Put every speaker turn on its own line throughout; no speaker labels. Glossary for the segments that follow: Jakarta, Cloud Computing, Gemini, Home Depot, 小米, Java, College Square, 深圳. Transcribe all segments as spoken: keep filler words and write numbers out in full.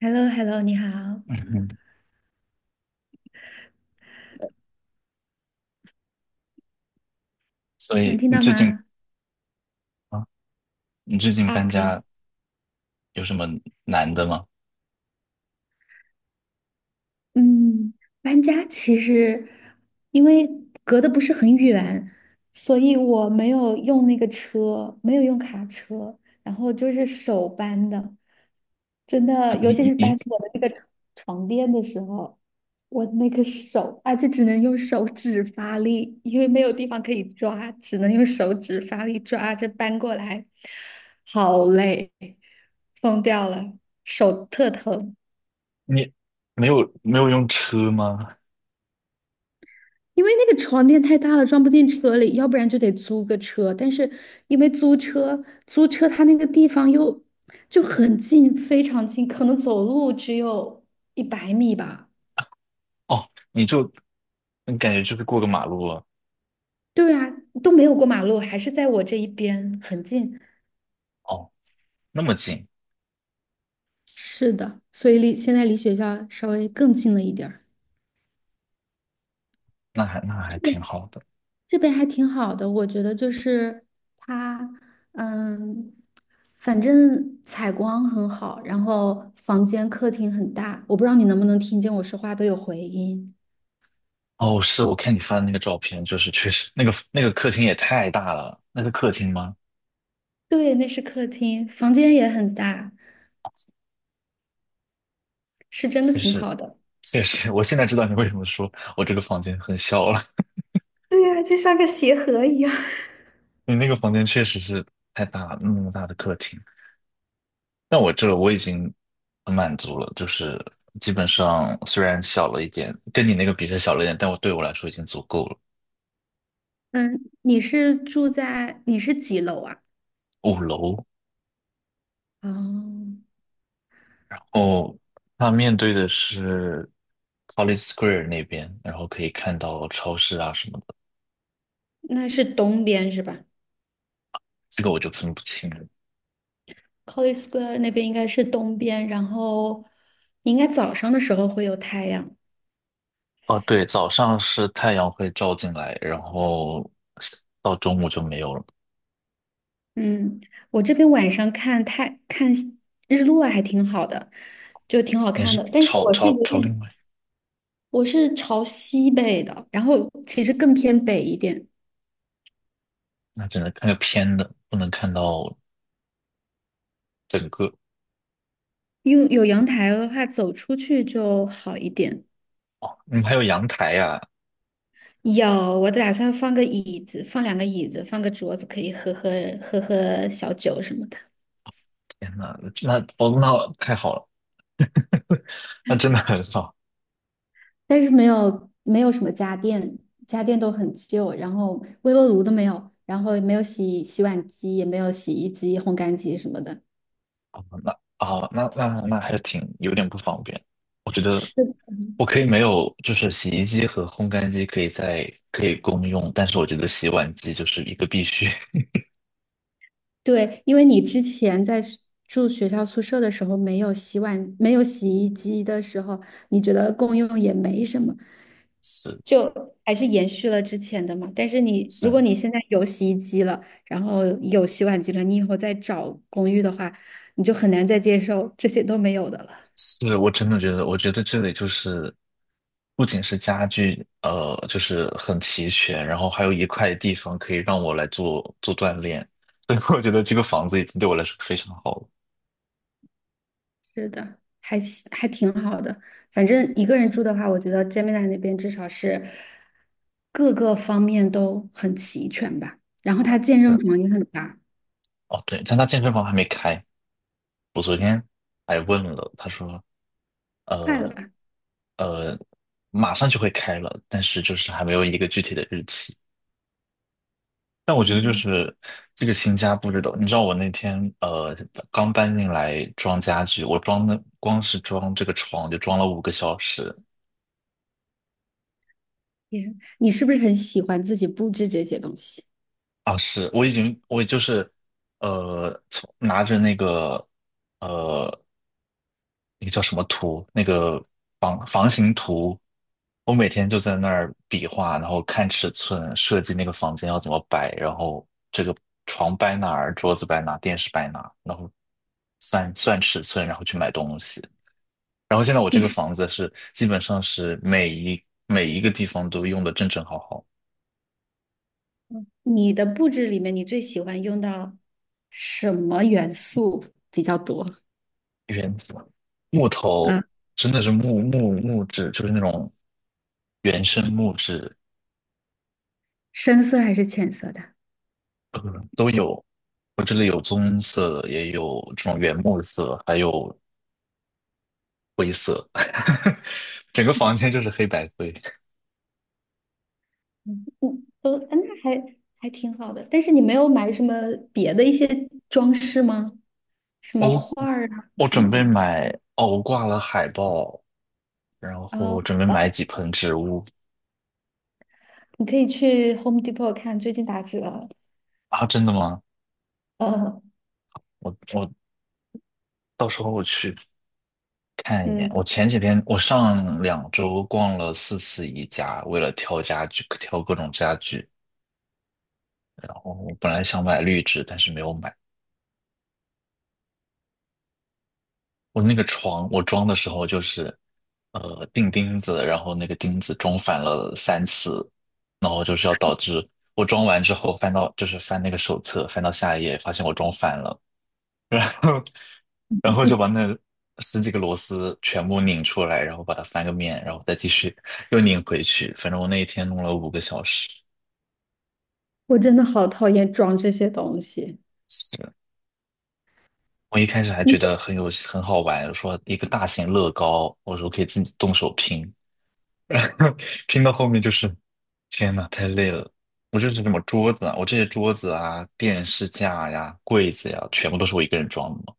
h e l l o h e l l o 你好，
嗯，所
能
以
听
你
到
最近
吗？
啊，你最近
啊，
搬
可以，
家有什么难的吗？
嗯，搬家其实因为隔得不是很远，所以我没有用那个车，没有用卡车，然后就是手搬的，真
啊
的，尤
你
其
你
是搬
你
我的那个床床垫的时候，我那个手，而且只能用手指发力，因为没有地方可以抓，只能用手指发力抓着搬过来，好累，疯掉了，手特疼。
你没有没有用车吗？
因为那个床垫太大了，装不进车里，要不然就得租个车。但是因为租车，租车它那个地方又就很近，非常近，可能走路只有一百米吧。
哦，你就你感觉就是过个马路了。
对啊，都没有过马路，还是在我这一边，很近。
哦，那么近，
是的，所以离现在离学校稍微更近了一点儿。
那还那还挺好的。
这边还挺好的，我觉得就是它，嗯，反正采光很好，然后房间客厅很大，我不知道你能不能听见我说话都有回音。
哦，是我看你发的那个照片，就是确实那个那个客厅也太大了，那是客厅吗？
对，那是客厅，房间也很大，是真的
确
挺
实
好的。
确实，我现在知道你为什么说我这个房间很小了。
对呀，就像个鞋盒一样。
你那个房间确实是太大了，那么大的客厅。但我这我已经很满足了，就是基本上虽然小了一点，跟你那个比是小了一点，但我对我来说已经足够了。
嗯，你是住在，你是几楼啊？
五楼。
哦，
哦，它面对的是 College Square 那边，然后可以看到超市啊什么的，
那是东边是吧
这个我就分不清了。
？College Square 那边应该是东边，然后你应该早上的时候会有太阳。
哦，对，早上是太阳会照进来，然后到中午就没有了。
嗯，我这边晚上看太看日落还挺好的，就挺好
你
看
是
的。但是
朝
我是
朝
有
朝
点，
另外，
我是朝西北的，然后其实更偏北一点，
那只能看个偏的，不能看到整个。
因为有阳台的话，走出去就好一点。
嗯，还有阳台呀、
有，我打算放个椅子，放两个椅子，放个桌子，可以喝喝喝喝小酒什么的。
天呐，那哦，那太好了，那真的很少。
但是没有没有什么家电，家电都很旧，然后微波炉都没有，然后也没有洗洗碗机，也没有洗衣机、烘干机什么的。
那啊，那那那还是挺有点不方便。我觉得
是，
我可以没有，就是洗衣机和烘干机可以在可以共用，但是我觉得洗碗机就是一个必须。
对，因为你之前在学住学校宿舍的时候，没有洗碗，没有洗衣机的时候，你觉得共用也没什么，
是
就还是延续了之前的嘛。但是你，如
是
果你现在有洗衣机了，然后有洗碗机了，你以后再找公寓的话，你就很难再接受这些都没有的了。
是，我真的觉得，我觉得这里就是不仅是家具，呃，就是很齐全，然后还有一块地方可以让我来做做锻炼，所以我觉得这个房子已经对我来说非常好了。
是的，还行还挺好的。反正一个人住的话，我觉得 Gemini 那边至少是各个方面都很齐全吧。然后它 健身
是。
房也很大，
哦，对，但他健身房还没开。我昨天还问了，他说
快了吧？
马上就会开了，但是就是还没有一个具体的日期。但我觉得就
嗯，
是这个新家布置的，你知道我那天呃刚搬进来装家具，我装的光是装这个床就装了五个小时。
也，你是不是很喜欢自己布置这些东西？
啊！是我已经我就是呃从拿着那个。呃。那个叫什么图，那个房房型图，我每天就在那儿比划，然后看尺寸，设计那个房间要怎么摆，然后这个床摆哪儿，桌子摆哪儿，电视摆哪儿，然后算算尺寸，然后去买东西。然后现在我这
你
个
还
房子是基本上是每一每一个地方都用的正正好好。
你的布置里面，你最喜欢用到什么元素比较多？
原木头
嗯，
真的是木木木质，就是那种原生木质。
深色还是浅色的？
呃都有。我这里有棕色的，也有这种原木色，还有灰色，整个房间就是黑白灰。
嗯，嗯都，那还还挺好的。但是你没有买什么别的一些装饰吗？什么
我
画儿啊
我
什么
准备
的。
买。哦，我挂了海报，然后
哦，
我
好
准备买
吧，
几盆植物。
你可以去 Home Depot 看，最近打折哦，
啊，真的吗？
呃
我我到时候我去看一眼。
嗯，
我前几天我上两周逛了四次宜家，为了挑家具，挑各种家具。然后我本来想买绿植，但是没有买。我那个床，我装的时候就是，呃，钉钉子，然后那个钉子装反了三次，然后就是要导致我装完之后翻到，就是翻那个手册，翻到下一页，发现我装反了，然后，然后就把 那十几个螺丝全部拧出来，然后把它翻个面，然后再继续又拧回去。反正我那一天弄了五个小时。
我真的好讨厌装这些东西。
是我一开始还觉
嗯
得很有很好玩，说一个大型乐高，我说可以自己动手拼，拼到后面就是，天呐，太累了。我这是什么桌子啊，我这些桌子啊、电视架呀、柜子呀，全部都是我一个人装的嘛。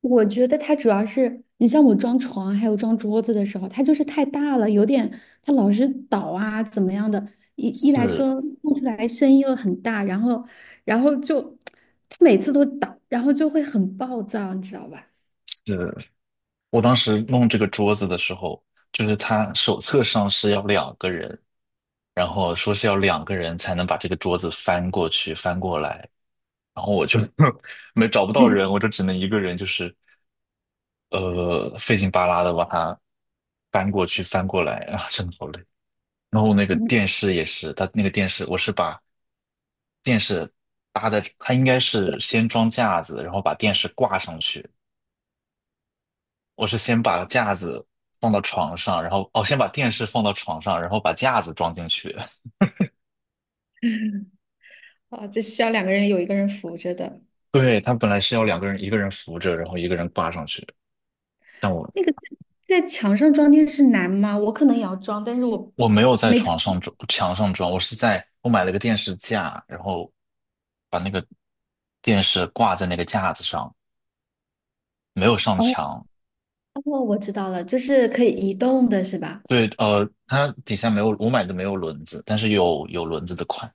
我觉得它主要是你像我装床还有装桌子的时候，它就是太大了，有点它老是倒啊怎么样的。一一来
是
说弄出来声音又很大，然后然后就它每次都倒，然后就会很暴躁，你知道吧？
是，我当时弄这个桌子的时候，就是他手册上是要两个人，然后说是要两个人才能把这个桌子翻过去、翻过来，然后我就 没找不到人，我就只能一个人，就是呃费劲巴拉的把它翻过去、翻过来啊，真的好累。然后那个
嗯，
电视也是，它那个电视，我是把电视搭在，它应该是先装架子，然后把电视挂上去。我是先把架子放到床上，然后哦，先把电视放到床上，然后把架子装进去。
啊，这需要两个人有一个人扶着的。
对，它本来是要两个人，一个人扶着，然后一个人挂上去。但我
那个在墙上装电视难吗？我可能也要装，但是我
我没有在
没装。
床上装，墙上装，我是在我买了个电视架，然后把那个电视挂在那个架子上，没有上
哦
墙。
哦，我知道了，就是可以移动的是吧？
对，呃，它底下没有，我买的没有轮子，但是有有轮子的款，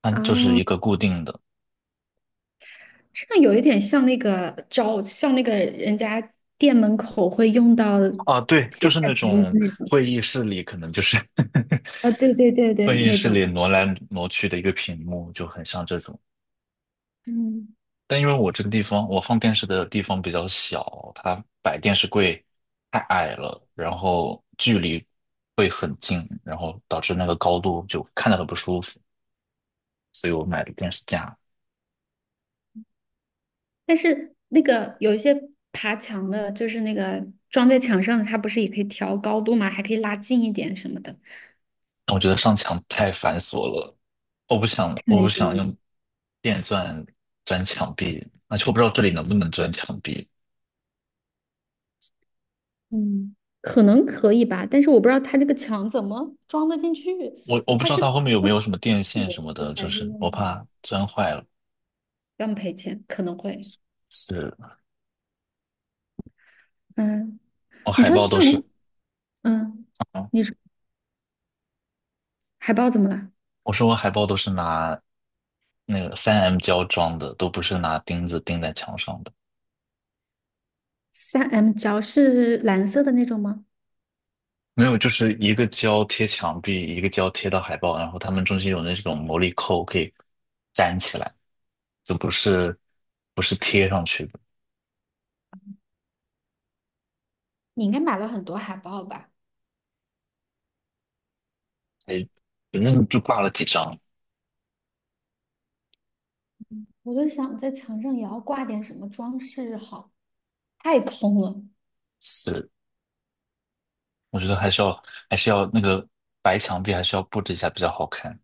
它
啊，
就是一个固定的。
这个有一点像那个招，像那个人家店门口会用到
啊，对，就
写菜
是那
单的
种
那种。
会议室里可能就是
啊，对对对对，
会议
那
室
种。
里挪来挪去的一个屏幕，就很像这种。
嗯，
但因为我这个地方，我放电视的地方比较小，它摆电视柜太矮了，然后距离会很近，然后导致那个高度就看着很不舒服，所以我买的电视架。
但是那个有一些爬墙的，就是那个装在墙上的，它不是也可以调高度吗？还可以拉近一点什么的。
我觉得上墙太繁琐了，我不想，我不想用电钻钻墙壁，而且我不知道这里能不能钻墙壁，
嗯，可能可以吧，但是我不知道它这个墙怎么装得进去，
我我不知道它后面有没有什么电线
螺
什么
丝
的，就
还是
是
用
我
什么？
怕钻坏了。
要赔钱，可能会。
是。
嗯，
我
你
海
说
报都
这
是，
种，嗯，
嗯，
你说海报怎么了？
我说我海报都是拿那个三 m 胶装的，都不是拿钉子钉在墙上的。
三 m 胶是蓝色的那种吗？
没有，就是一个胶贴墙壁，一个胶贴到海报，然后他们中间有那种魔力扣可以粘起来，这不是不是贴上去的。
你应该买了很多海报吧？
哎，反正就挂了几张。
我就想在墙上也要挂点什么装饰好，太空了。
是。我觉得还是要还是要那个白墙壁还是要布置一下比较好看。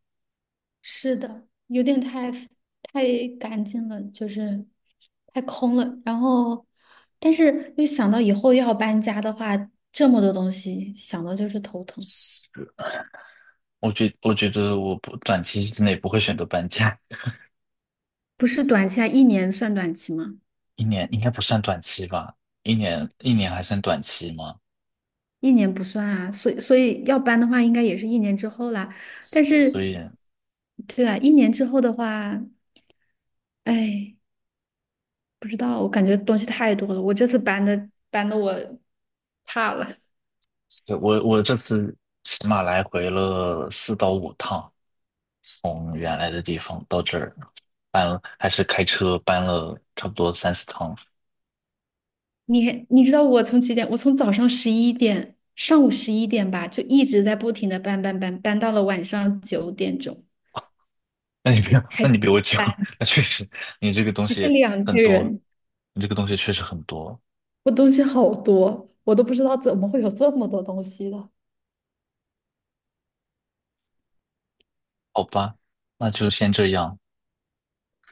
是的，有点太太干净了，就是太空了。然后，但是又想到以后要搬家的话，这么多东西，想到就是头疼。
是。我觉我觉得我不短期之内不会选择搬家。
不是短期啊，一年算短期吗？
一年应该不算短期吧？一年一年还算短期吗？
一年不算啊，所以所以要搬的话，应该也是一年之后啦。但
是所
是，
以。
对啊，一年之后的话，哎，不知道，我感觉东西太多了。我这次搬的搬的我怕了。
是。我我这次起码来回了四到五趟，从原来的地方到这儿，搬了还是开车搬了差不多三四趟。
你你知道我从几点？我从早上十一点，上午十一点吧，就一直在不停的搬搬搬，搬到了晚上九点钟，
那你比我 那
还
你比我久，
搬，
那确实你这个东
还是
西
两
很
个
多，
人，
你这个东西确实很多。
我东西好多，我都不知道怎么会有这么多东西的。
好吧，那就先这样。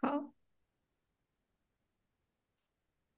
好。